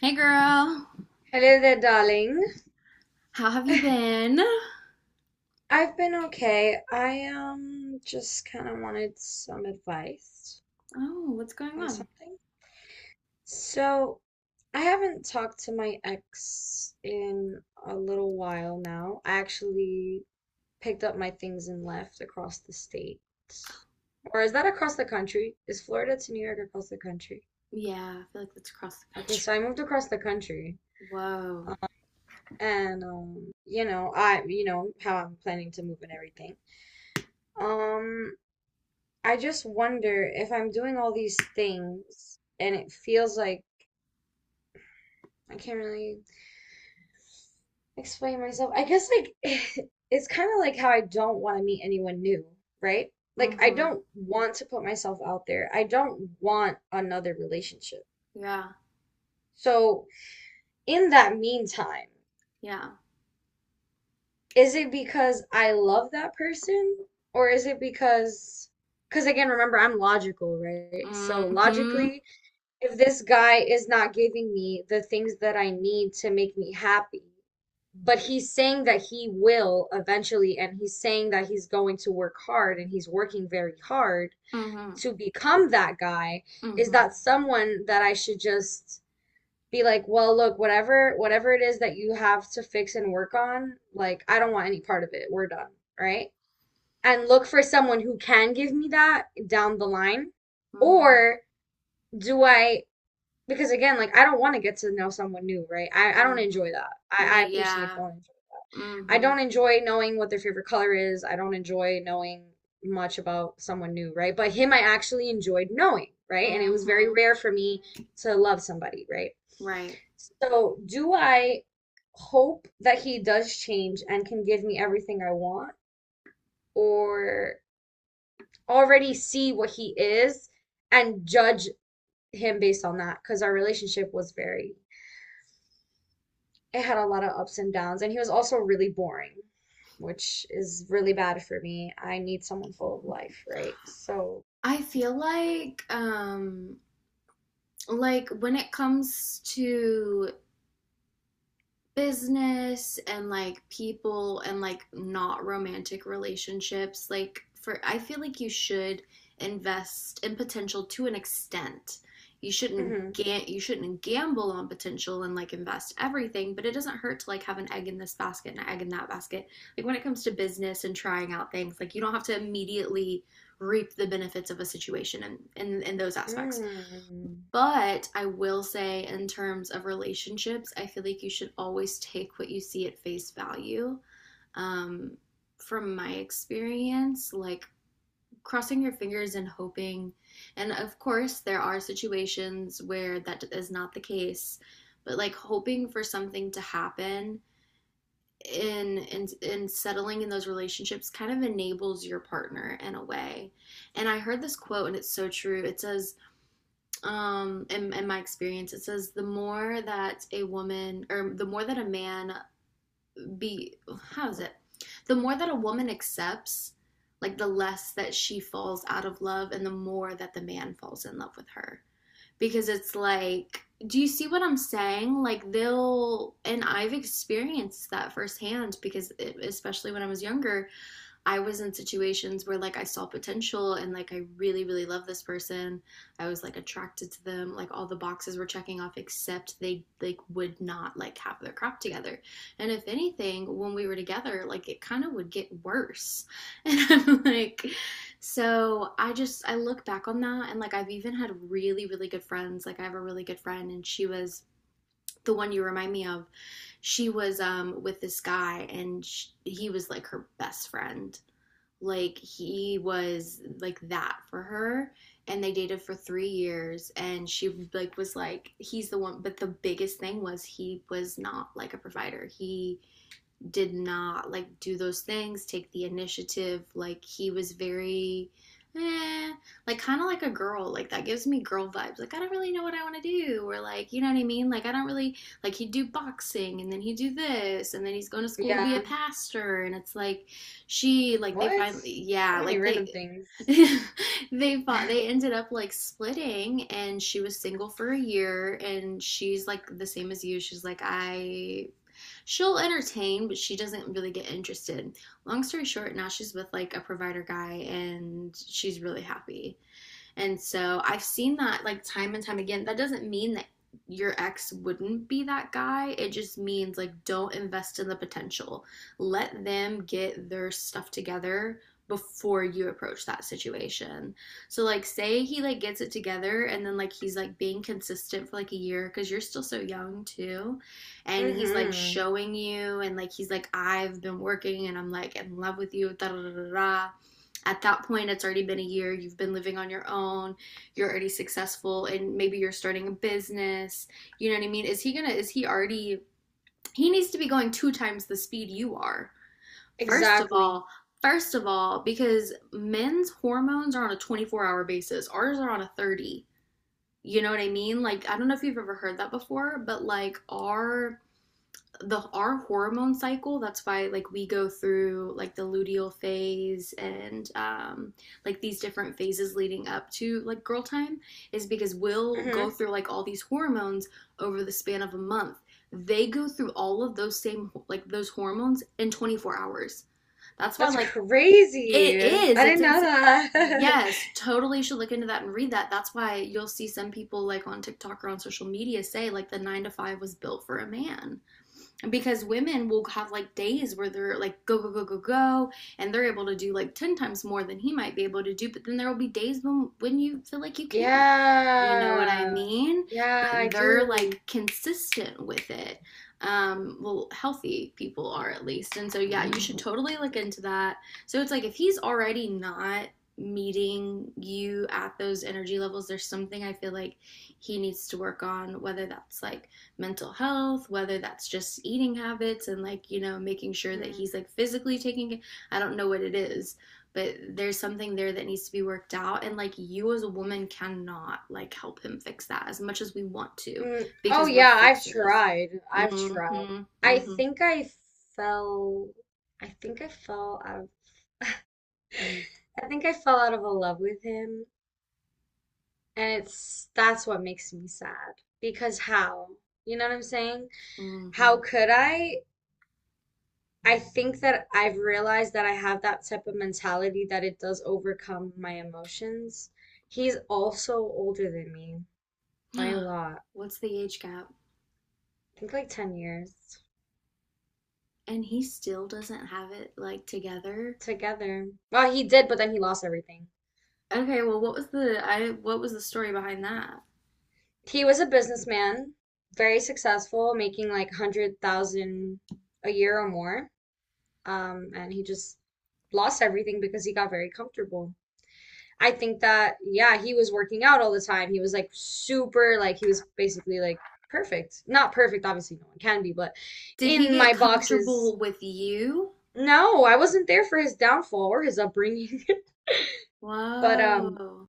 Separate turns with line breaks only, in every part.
Hey girl,
Hello there, darling.
how have you been?
I've been okay. I just kind of wanted some advice
Oh, what's going
on
on?
something. So, I haven't talked to my ex in a little while now. I actually picked up my things and left across the state. Or is that across the country? Is Florida to New York across the country?
Yeah, I feel like that's across the
Okay,
country.
so I moved across the country.
Whoa.
Um, And You know, I you know how I'm planning to move and everything. Um, I just wonder if I'm doing all these things and it feels like I can't really explain myself. I guess like it's kind of like how I don't want to meet anyone new, right? Like I
Mm-hmm.
don't want to put myself out there. I don't want another relationship.
Yeah,
So in that meantime,
yeah.
is it because I love that person or is it because again, remember I'm logical, right? So
Mm-hmm.
logically, if this guy is not giving me the things that I need to make me happy, but he's saying that he will eventually, and he's saying that he's going to work hard and he's working very hard
Mm-hmm.
to become that guy, is
Mm-hmm.
that someone that I should just be like, well, look, whatever it is that you have to fix and work on, like, I don't want any part of it. We're done, right? And look for someone who can give me that down the line.
Mm-hmm.
Or do I, because again, like I don't want to get to know someone new, right? I don't
Mm-hmm.
enjoy that. I
Me,
personally
yeah.
don't enjoy it. I
Mm-hmm.
don't enjoy knowing what their favorite color is. I don't enjoy knowing much about someone new, right? But him I actually enjoyed knowing, right? And it was very
Mm-hmm.
rare for me to love somebody, right?
Right.
So do I hope that he does change and can give me everything I want, or already see what he is and judge him based on that? Because our relationship was very, it had a lot of ups and downs, and he was also really boring, which is really bad for me. I need someone full of life, right? So,
I feel like when it comes to business and like people and like not romantic relationships, like for, I feel like you should invest in potential to an extent.
hmm.
You shouldn't gamble on potential and like invest everything, but it doesn't hurt to like have an egg in this basket and an egg in that basket, like when it comes to business and trying out things, like you don't have to immediately reap the benefits of a situation and in those aspects.
Mm.
But I will say, in terms of relationships, I feel like you should always take what you see at face value. Um, from my experience, like crossing your fingers and hoping, and of course, there are situations where that is not the case, but like hoping for something to happen in settling in those relationships kind of enables your partner in a way. And I heard this quote and it's so true. It says in my experience, it says the more that a woman, or the more that a man be, how is it, the more that a woman accepts, like the less that she falls out of love and the more that the man falls in love with her, because it's like, do you see what I'm saying? Like they'll, and I've experienced that firsthand, because it, especially when I was younger, I was in situations where like I saw potential and like I really really love this person. I was like attracted to them. Like all the boxes were checking off except they like would not like have their crap together. And if anything, when we were together, like it kind of would get worse. And I'm like, so I just, I look back on that and like I've even had really really good friends. Like I have a really good friend and she was the one you remind me of. She was with this guy, and sh he was like her best friend, like he was like that for her, and they dated for 3 years, and she like was like he's the one, but the biggest thing was he was not like a provider. He did not like do those things, take the initiative. Like he was very, eh, like kind of like a girl. Like that gives me girl vibes. Like I don't really know what I want to do, or like you know what I mean. Like I don't really, like he'd do boxing and then he'd do this and then he's going to school to be a
Yeah.
pastor and it's like she like they
What?
finally,
So
yeah,
many
like
random
they.
things.
They fought, they ended up like splitting, and she was single for a year, and she's like the same as you, she's like I, she'll entertain, but she doesn't really get interested. Long story short, now she's with like a provider guy and she's really happy. And so I've seen that like time and time again. That doesn't mean that your ex wouldn't be that guy. It just means like don't invest in the potential. Let them get their stuff together before you approach that situation. So like say he like gets it together and then like he's like being consistent for like a year cuz you're still so young too, and he's like
Mm-hmm.
showing you and like he's like I've been working and I'm like in love with you da da da da. At that point it's already been a year, you've been living on your own, you're already successful and maybe you're starting a business. You know what I mean? Is he gonna, is he already, he needs to be going two times the speed you are. first of
Exactly.
all first of all because men's hormones are on a 24-hour basis, ours are on a 30. You know what I mean? Like I don't know if you've ever heard that before, but like our hormone cycle, that's why like we go through like the luteal phase and like these different phases leading up to like girl time, is because we'll go
Mm-hmm.
through like all these hormones over the span of a month. They go through all of those same like those hormones in 24 hours. That's why
That's
like it
crazy.
is,
I didn't know that.
yes, totally should look into that and read that. That's why you'll see some people like on TikTok or on social media say like the nine to five was built for a man, because women will have like days where they're like go go go go go, and they're able to do like 10 times more than he might be able to do, but then there will be days when you feel like you can't. You know what I
Yeah.
mean?
Yeah, I
But they're like
do.
consistent with it, well, healthy people are at least, and so yeah, you should totally look into that. So it's like if he's already not meeting you at those energy levels, there's something I feel like he needs to work on, whether that's like mental health, whether that's just eating habits and like, you know, making sure that
Hmm.
he's like physically taking. I don't know what it is, but there's something there that needs to be worked out, and like you as a woman cannot like help him fix that as much as we want to,
Mm. Oh,
because we're
yeah, I've
fixers.
tried. I've tried.
Mhm.
I
Mhm.
think I fell. I think I fell out of.
Mhm.
I think I fell out of a love with him. And it's that's what makes me sad. Because how? You know what I'm saying? How
Mhm.
could I? I think that I've realized that I have that type of mentality that it does overcome my emotions. He's also older than me by a lot.
What's the age gap?
I think like 10 years
And he still doesn't have it like together.
together. Well, he did, but then he lost everything.
Okay, well, what was the story behind that?
He was a businessman, very successful, making like 100,000 a year or more. And he just lost everything because he got very comfortable. I think that yeah, he was working out all the time. He was like super, like he was basically like perfect. Not perfect, obviously no one can be, but
Did he
in my
get
boxes,
comfortable with you?
no, I wasn't there for his downfall or his upbringing. But
Whoa.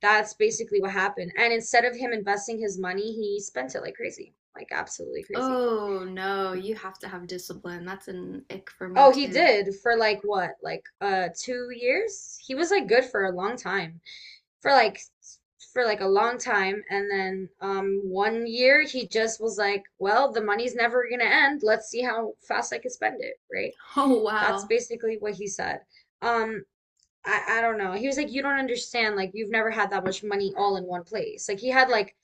that's basically what happened. And instead of him investing his money, he spent it like crazy. Like absolutely crazy.
Oh no, you have to have discipline. That's an ick for me
Oh, he
too.
did for like what? Like 2 years? He was like good for a long time. for like for like a long time, and then one year he just was like, well, the money's never gonna end, let's see how fast I can spend it, right?
Oh
That's
wow.
basically what he said. Um I I don't know, he was like, you don't understand, like you've never had that much money all in one place. Like he had like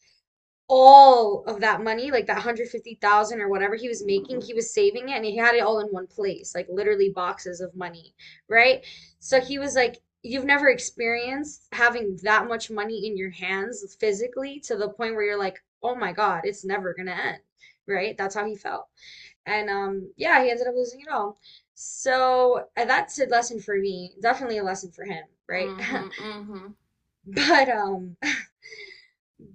all of that money, like that 150,000 or whatever he was making, he was saving it and he had it all in one place, like literally boxes of money, right? So he was like, you've never experienced having that much money in your hands physically to the point where you're like, oh my God, it's never gonna end, right? That's how he felt. And Yeah, he ended up losing it all. So that's a lesson for me, definitely a lesson for him, right?
Mm-hmm, mm-hmm.
But um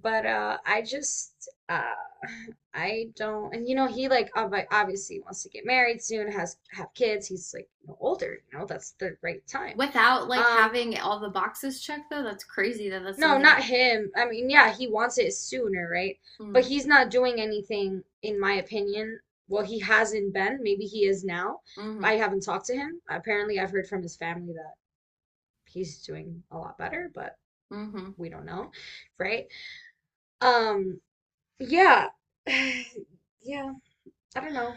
but I just I don't, and you know he like like, obviously wants to get married soon, has, have kids, he's like, you know, older, you know, that's the right time.
Without like
Um
having all the boxes checked though, that's crazy that that's
no,
something.
not him. I mean, yeah, he wants it sooner, right? But
Mm,
he's not doing anything in my opinion. Well, he hasn't been, maybe he is now.
mm-hmm,
I haven't talked to him. Apparently, I've heard from his family that he's doing a lot better, but
mm-hmm.
we don't know, right? Um yeah. Yeah. I don't know.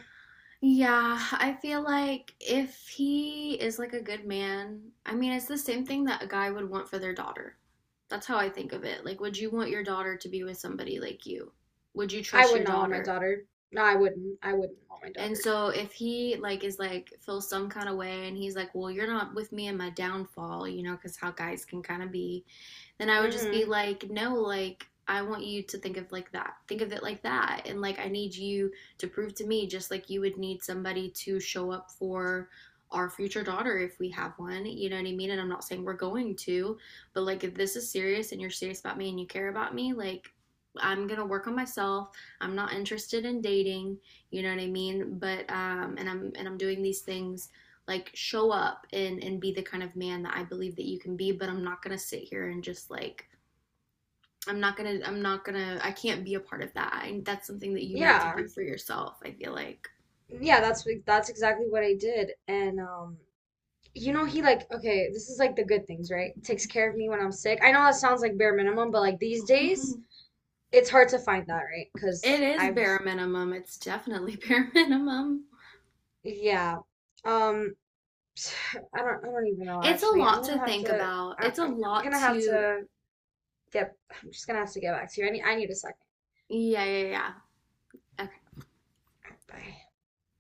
Yeah, I feel like if he is like a good man, I mean, it's the same thing that a guy would want for their daughter. That's how I think of it. Like, would you want your daughter to be with somebody like you? Would you
I
trust your
would not want my
daughter?
daughter. No, I wouldn't. I wouldn't want my
And
daughter.
so if he like is like feels some kind of way and he's like, "Well, you're not with me in my downfall," you know, cuz how guys can kind of be, then I would just be
Hmm.
like, "No, like I want you to think of like that. Think of it like that. And like I need you to prove to me just like you would need somebody to show up for our future daughter if we have one. You know what I mean? And I'm not saying we're going to, but like if this is serious and you're serious about me and you care about me, like I'm going to work on myself. I'm not interested in dating, you know what I mean? But and I'm doing these things like show up and be the kind of man that I believe that you can be, but I'm not going to sit here and just like, I'm not going to, I'm not going to, I can't be a part of that. I, that's something that you need to
Yeah.
do for yourself, I feel like."
Yeah, that's exactly what I did. And you know he like okay, this is like the good things, right? Takes care of me when I'm sick. I know that sounds like bare minimum, but like these days it's hard to find that, right?
It
'Cause
is
I've,
bare minimum. It's definitely bare minimum.
yeah. Um I don't even know
It's a
actually. I'm
lot to
gonna have
think
to
about. It's a
I'm
lot
gonna have
to,
to get I'm just gonna have to get back to you. I need a second.
yeah, yeah, yeah.
Bye.